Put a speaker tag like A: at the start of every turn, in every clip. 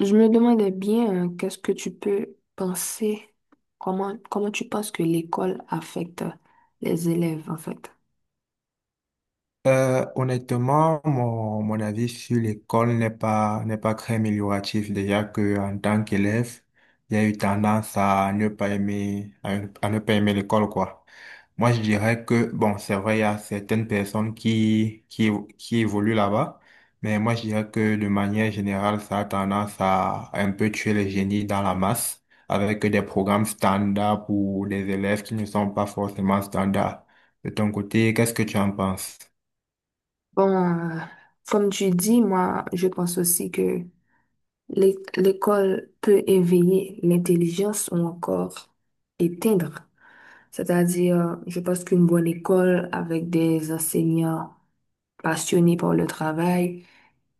A: Je me demandais bien, qu'est-ce que tu peux penser, comment tu penses que l'école affecte les élèves, en fait?
B: Honnêtement, mon avis sur l'école n'est pas très amélioratif. Déjà que en tant qu'élève, il y a eu tendance à ne pas aimer, à ne pas aimer l'école, quoi. Moi, je dirais que, bon, c'est vrai, il y a certaines personnes qui évoluent là-bas, mais moi, je dirais que de manière générale, ça a tendance à un peu tuer les génies dans la masse avec des programmes standards pour des élèves qui ne sont pas forcément standards. De ton côté, qu'est-ce que tu en penses?
A: Bon, comme tu dis, moi, je pense aussi que l'école peut éveiller l'intelligence ou encore éteindre. C'est-à-dire, je pense qu'une bonne école avec des enseignants passionnés par le travail,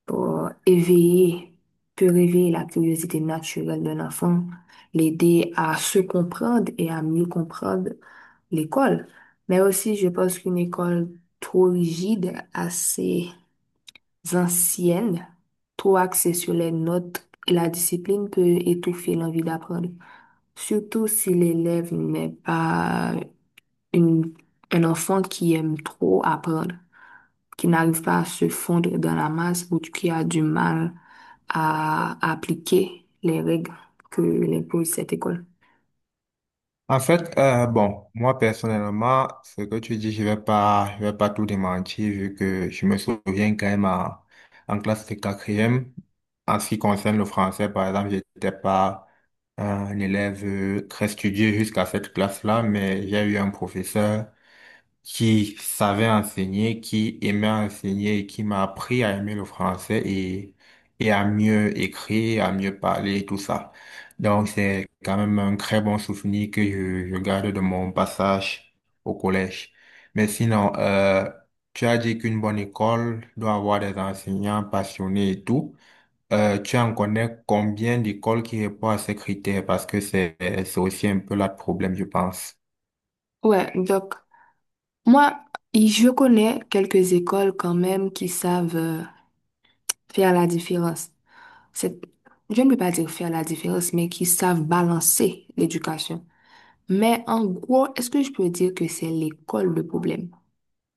A: pour éveiller, peut réveiller la curiosité naturelle d'un enfant, l'aider à se comprendre et à mieux comprendre l'école. Mais aussi, je pense qu'une école trop rigide, assez ancienne, trop axée sur les notes et la discipline peut étouffer l'envie d'apprendre. Surtout si l'élève n'est pas une, un enfant qui aime trop apprendre, qui n'arrive pas à se fondre dans la masse ou qui a du mal à appliquer les règles que l'impose cette école.
B: En fait, bon, moi personnellement, ce que tu dis, je vais pas tout démentir vu que je me souviens quand même en classe de quatrième, en ce qui concerne le français, par exemple, j'étais pas un élève très studieux jusqu'à cette classe-là, mais j'ai eu un professeur qui savait enseigner, qui aimait enseigner et qui m'a appris à aimer le français et à mieux écrire, à mieux parler et tout ça. Donc c'est quand même un très bon souvenir que je garde de mon passage au collège. Mais sinon, tu as dit qu'une bonne école doit avoir des enseignants passionnés et tout. Tu en connais combien d'écoles qui répondent à ces critères? Parce que c'est aussi un peu là le problème, je pense.
A: Ouais, donc moi, je connais quelques écoles quand même qui savent faire la différence. C'est, je ne peux pas dire faire la différence, mais qui savent balancer l'éducation. Mais en gros, est-ce que je peux dire que c'est l'école le problème?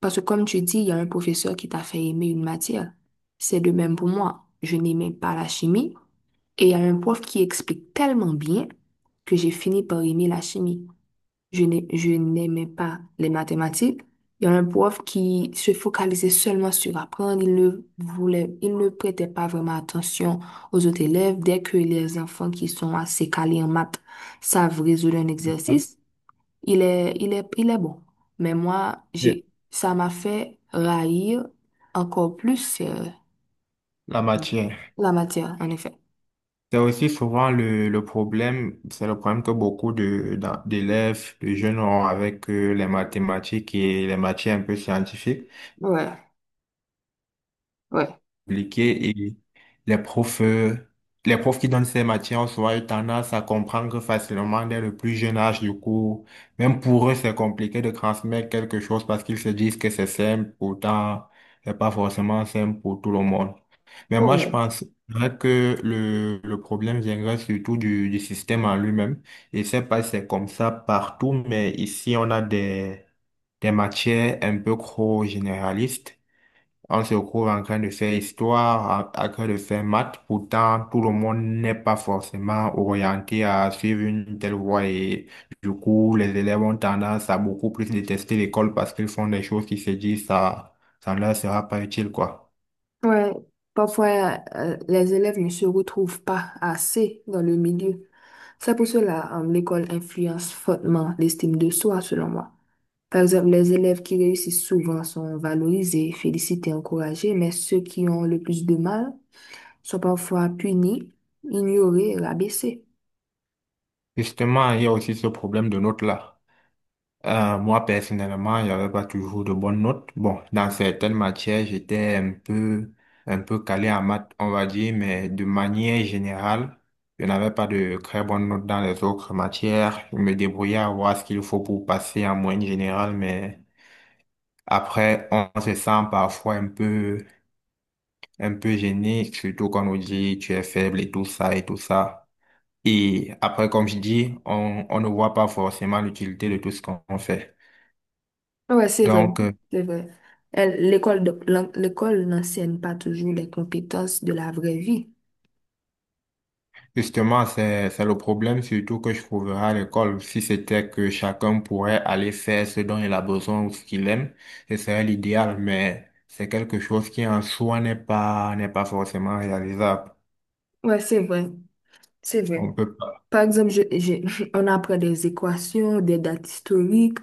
A: Parce que comme tu dis, il y a un professeur qui t'a fait aimer une matière. C'est de même pour moi. Je n'aimais pas la chimie et il y a un prof qui explique tellement bien que j'ai fini par aimer la chimie. Je n'aimais pas les mathématiques. Il y a un prof qui se focalisait seulement sur apprendre. Il ne prêtait pas vraiment attention aux autres élèves. Dès que les enfants qui sont assez calés en maths savent résoudre un exercice, il est bon. Mais moi,
B: Et
A: ça m'a fait raillir encore plus
B: la matière.
A: la matière, en effet.
B: C'est aussi souvent le problème, c'est le problème que beaucoup d'élèves, de jeunes ont avec les mathématiques et les matières un peu scientifiques,
A: Ouais, ouais,
B: compliquées et les profs, euh, les profs qui donnent ces matières ont souvent eu tendance à comprendre facilement dès le plus jeune âge du cours. Même pour eux, c'est compliqué de transmettre quelque chose parce qu'ils se disent que c'est simple, pourtant, c'est pas forcément simple pour tout le monde. Mais moi, je
A: ouais,
B: pense que le problème viendrait surtout du système en lui-même. Et c'est pas si c'est comme ça partout, mais ici, on a des matières un peu trop généralistes. On se retrouve en train de faire histoire, en train de faire maths. Pourtant, tout le monde n'est pas forcément orienté à suivre une telle voie. Et du coup, les élèves ont tendance à beaucoup plus détester l'école parce qu'ils font des choses qui se disent ça, ça ne leur sera pas utile, quoi.
A: ouais. Parfois, les élèves ne se retrouvent pas assez dans le milieu. C'est pour cela, l'école influence fortement l'estime de soi, selon moi. Par exemple, les élèves qui réussissent souvent sont valorisés, félicités, encouragés, mais ceux qui ont le plus de mal sont parfois punis, ignorés, rabaissés.
B: Justement, il y a aussi ce problème de notes là. Moi, personnellement, il n'y avait pas toujours de bonnes notes. Bon, dans certaines matières, un peu calé en maths, on va dire, mais de manière générale, je n'avais pas de très bonnes notes dans les autres matières. Je me débrouillais à voir ce qu'il faut pour passer en moyenne générale, mais après, on se sent parfois un peu gêné, surtout quand on nous dit tu es faible et tout ça et tout ça. Et après, comme je dis, on ne voit pas forcément l'utilité de tout ce qu'on fait.
A: Ouais, c'est vrai,
B: Donc,
A: c'est vrai. L'école n'enseigne pas toujours les compétences de la vraie vie.
B: justement, c'est le problème surtout que je trouverais à l'école. Si c'était que chacun pourrait aller faire ce dont il a besoin ou ce qu'il aime, ce serait l'idéal, mais c'est quelque chose qui en soi n'est pas forcément réalisable.
A: Ouais, c'est vrai, c'est vrai.
B: On peut pas.
A: Par exemple, on apprend des équations, des dates historiques,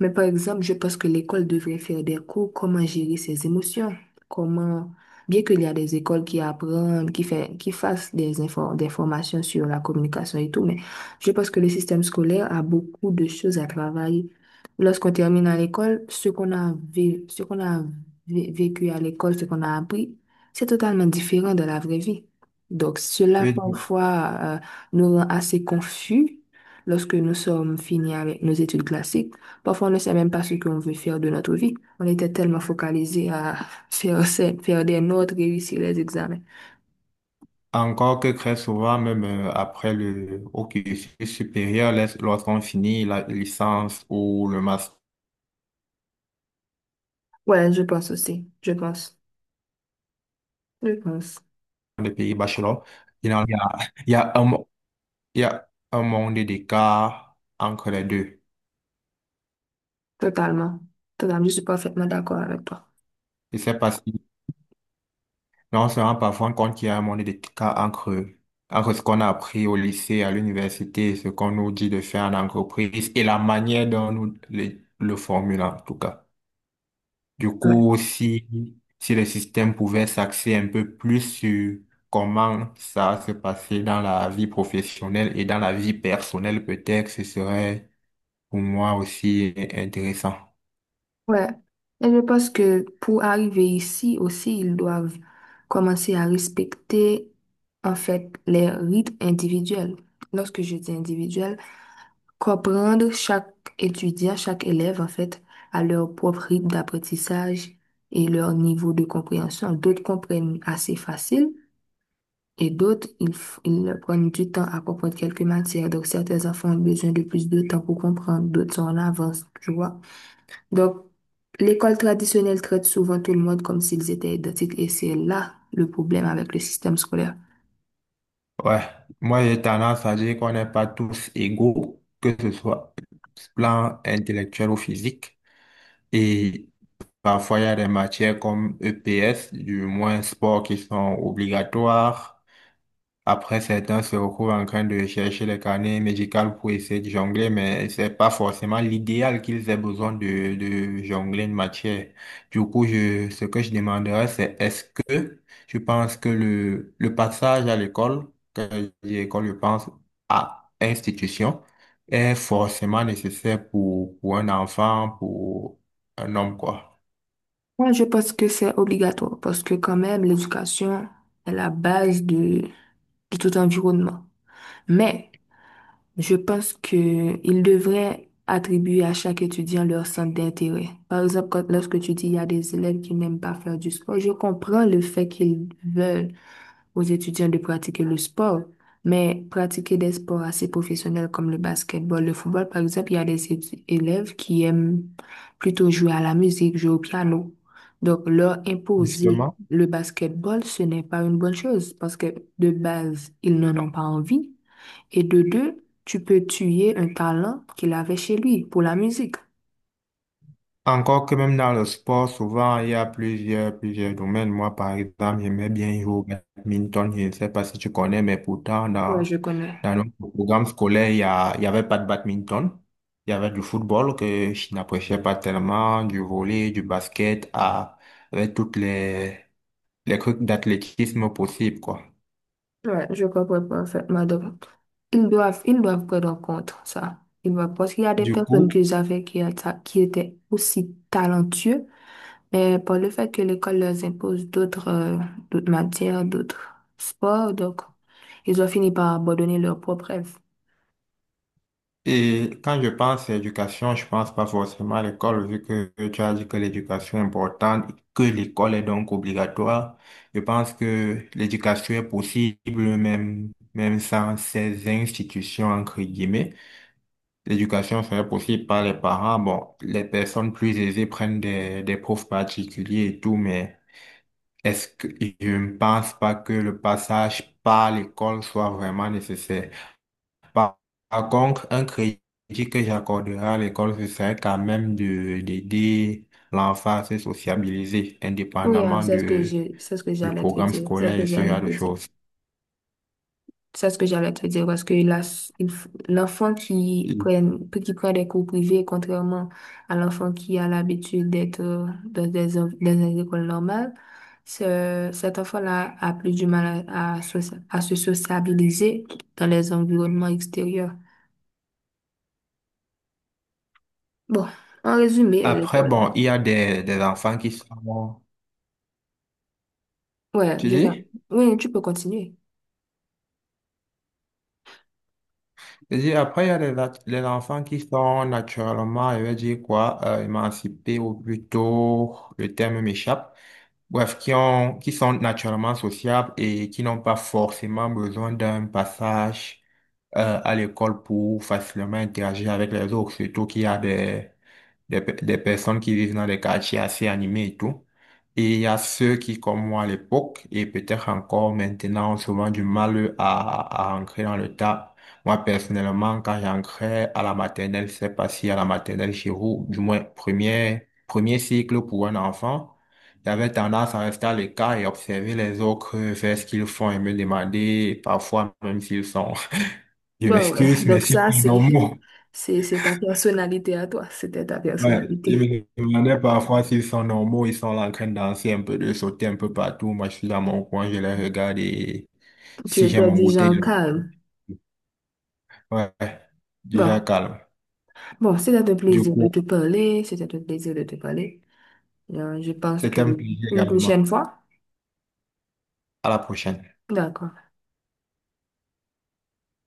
A: mais par exemple, je pense que l'école devrait faire des cours comment gérer ses émotions, comment, bien qu'il y a des écoles qui apprennent, qui fassent des infos, des formations sur la communication et tout, mais je pense que le système scolaire a beaucoup de choses à travailler. Lorsqu'on termine à l'école, ce qu'on a vécu à l'école, ce qu'on a appris, c'est totalement différent de la vraie vie. Donc, cela
B: Et
A: parfois nous rend assez confus lorsque nous sommes finis avec nos études classiques. Parfois, on ne sait même pas ce qu'on veut faire de notre vie. On était tellement focalisé à faire des notes, réussir les examens.
B: encore que très souvent, même après le au cursus supérieur, lorsqu'on finit la licence ou le master,
A: Ouais, je pense aussi. Je pense. Je pense.
B: des pays bachelor, il y a, il y a un, il y a un monde d'écart entre les deux.
A: Totalement. Totalement. Je suis parfaitement d'accord avec toi.
B: Je sais pas si, mais on se rend parfois compte qu'il y a un monde d'écart entre, entre ce qu'on a appris au lycée, à l'université, ce qu'on nous dit de faire en entreprise et la manière dont nous le formulons, en tout cas. Du
A: Ouais.
B: coup, si le système pouvait s'axer un peu plus sur comment ça se passait dans la vie professionnelle et dans la vie personnelle, peut-être ce serait pour moi aussi, est intéressant.
A: Ouais. Et je pense que pour arriver ici aussi, ils doivent commencer à respecter, en fait, les rites individuels. Lorsque je dis individuel, comprendre chaque étudiant, chaque élève, en fait, à leur propre rythme d'apprentissage et leur niveau de compréhension. D'autres comprennent assez facile et d'autres, ils prennent du temps à comprendre quelques matières. Donc, certains enfants ont besoin de plus de temps pour comprendre, d'autres sont en avance, tu vois. Donc, l'école traditionnelle traite souvent tout le monde comme s'ils étaient identiques et c'est là le problème avec le système scolaire.
B: Ouais, moi j'ai tendance à dire qu'on n'est pas tous égaux, que ce soit plan intellectuel ou physique. Et parfois, il y a des matières comme EPS, du moins sport, qui sont obligatoires. Après, certains se retrouvent en train de chercher les carnets médicaux pour essayer de jongler, mais c'est pas forcément l'idéal qu'ils aient besoin de jongler une matière. Du coup, ce que je demanderais, c'est est-ce que je pense que le passage à l'école, quand je dis école, je pense à institution, est forcément nécessaire pour un enfant, pour un homme, quoi.
A: Moi, je pense que c'est obligatoire parce que quand même, l'éducation est la base de tout environnement. Mais je pense que il devrait attribuer à chaque étudiant leur centre d'intérêt. Par exemple, lorsque tu dis il y a des élèves qui n'aiment pas faire du sport, je comprends le fait qu'ils veulent aux étudiants de pratiquer le sport, mais pratiquer des sports assez professionnels comme le basketball, le football, par exemple, il y a des élèves qui aiment plutôt jouer à la musique, jouer au piano. Donc, leur imposer
B: Justement.
A: le basketball, ce n'est pas une bonne chose parce que de base, ils n'en ont pas envie. Et de deux, tu peux tuer un talent qu'il avait chez lui pour la musique.
B: Encore que même dans le sport, souvent, il y a plusieurs domaines. Moi, par exemple, j'aimais bien jouer au badminton. Je ne sais pas si tu connais, mais pourtant,
A: Ouais, je connais.
B: dans notre programme scolaire, il y avait pas de badminton. Il y avait du football que je n'appréciais pas tellement, du volley, du basket, à, avec toutes les trucs d'athlétisme possibles, quoi.
A: Ouais, je comprends parfaitement. Donc, ils doivent, ils doivent prendre en compte ça. Ils doivent, parce qu'il y a des
B: Du
A: personnes
B: coup,
A: que j'avais qui, qui étaient aussi talentueux, mais par le fait que l'école leur impose d'autres d'autres matières, d'autres sports, donc ils ont fini par abandonner leurs propres rêves.
B: et quand je pense à éducation, je pense pas forcément à l'école, vu que tu as dit que l'éducation est importante, que l'école est donc obligatoire. Je pense que l'éducation est possible même sans ces institutions, entre guillemets. L'éducation serait possible par les parents. Bon, les personnes plus aisées prennent des profs particuliers et tout, mais est-ce que je ne pense pas que le passage par l'école soit vraiment nécessaire? Par, par contre, un crédit que j'accorderai à l'école, ce serait quand même de, d'aider l'enfant à se sociabiliser,
A: Oui, hein,
B: indépendamment de,
A: c'est ce que
B: du
A: j'allais te
B: programme
A: dire. C'est ce
B: scolaire
A: que
B: et ce
A: j'allais
B: genre
A: te
B: de
A: dire.
B: choses.
A: C'est ce que j'allais te dire parce que l'enfant
B: Mm.
A: qui prend des cours privés, contrairement à l'enfant qui a l'habitude d'être dans des écoles normales, cet enfant-là a plus du mal à, à se sociabiliser dans les environnements extérieurs. Bon, en résumé,
B: Après,
A: l'école.
B: bon, il y a des enfants qui sont,
A: Ouais,
B: tu
A: je vois.
B: dis?
A: Oui, tu peux continuer.
B: Je dis, après, il y a des, nat- des enfants qui sont naturellement, je vais dire quoi, émancipés ou plutôt, le terme m'échappe. Bref, qui ont, qui sont naturellement sociables et qui n'ont pas forcément besoin d'un passage à l'école pour facilement interagir avec les autres, surtout qu'il y a des, pe- des personnes qui vivent dans des quartiers assez animés et tout. Et il y a ceux qui, comme moi à l'époque, et peut-être encore maintenant, ont souvent du mal à ancrer dans le tas. Moi, personnellement, quand j'ancrais à la maternelle, c'est pas si à la maternelle chez vous, du moins premier cycle pour un enfant, j'avais tendance à rester à l'écart et observer les autres faire ce qu'ils font et me demander, parfois même s'ils sont, je
A: Bon, ouais.
B: m'excuse, mais
A: Donc
B: s'ils
A: ça,
B: sont normaux.
A: c'est ta personnalité à toi. C'était ta
B: Ouais, les
A: personnalité.
B: me parfois s'ils sont normaux, ils sont là en train de danser un peu, de sauter un peu partout. Moi, je suis dans mon coin, je les regarde et
A: Tu
B: si j'ai
A: étais
B: mon
A: du
B: goûter,
A: genre
B: je-
A: calme.
B: ouais, déjà
A: Bon.
B: calme.
A: Bon, c'était un
B: Du
A: plaisir de
B: coup,
A: te parler. C'était un plaisir de te parler. Je pense que
B: c'était un plaisir
A: une
B: également.
A: prochaine fois.
B: À la prochaine.
A: D'accord.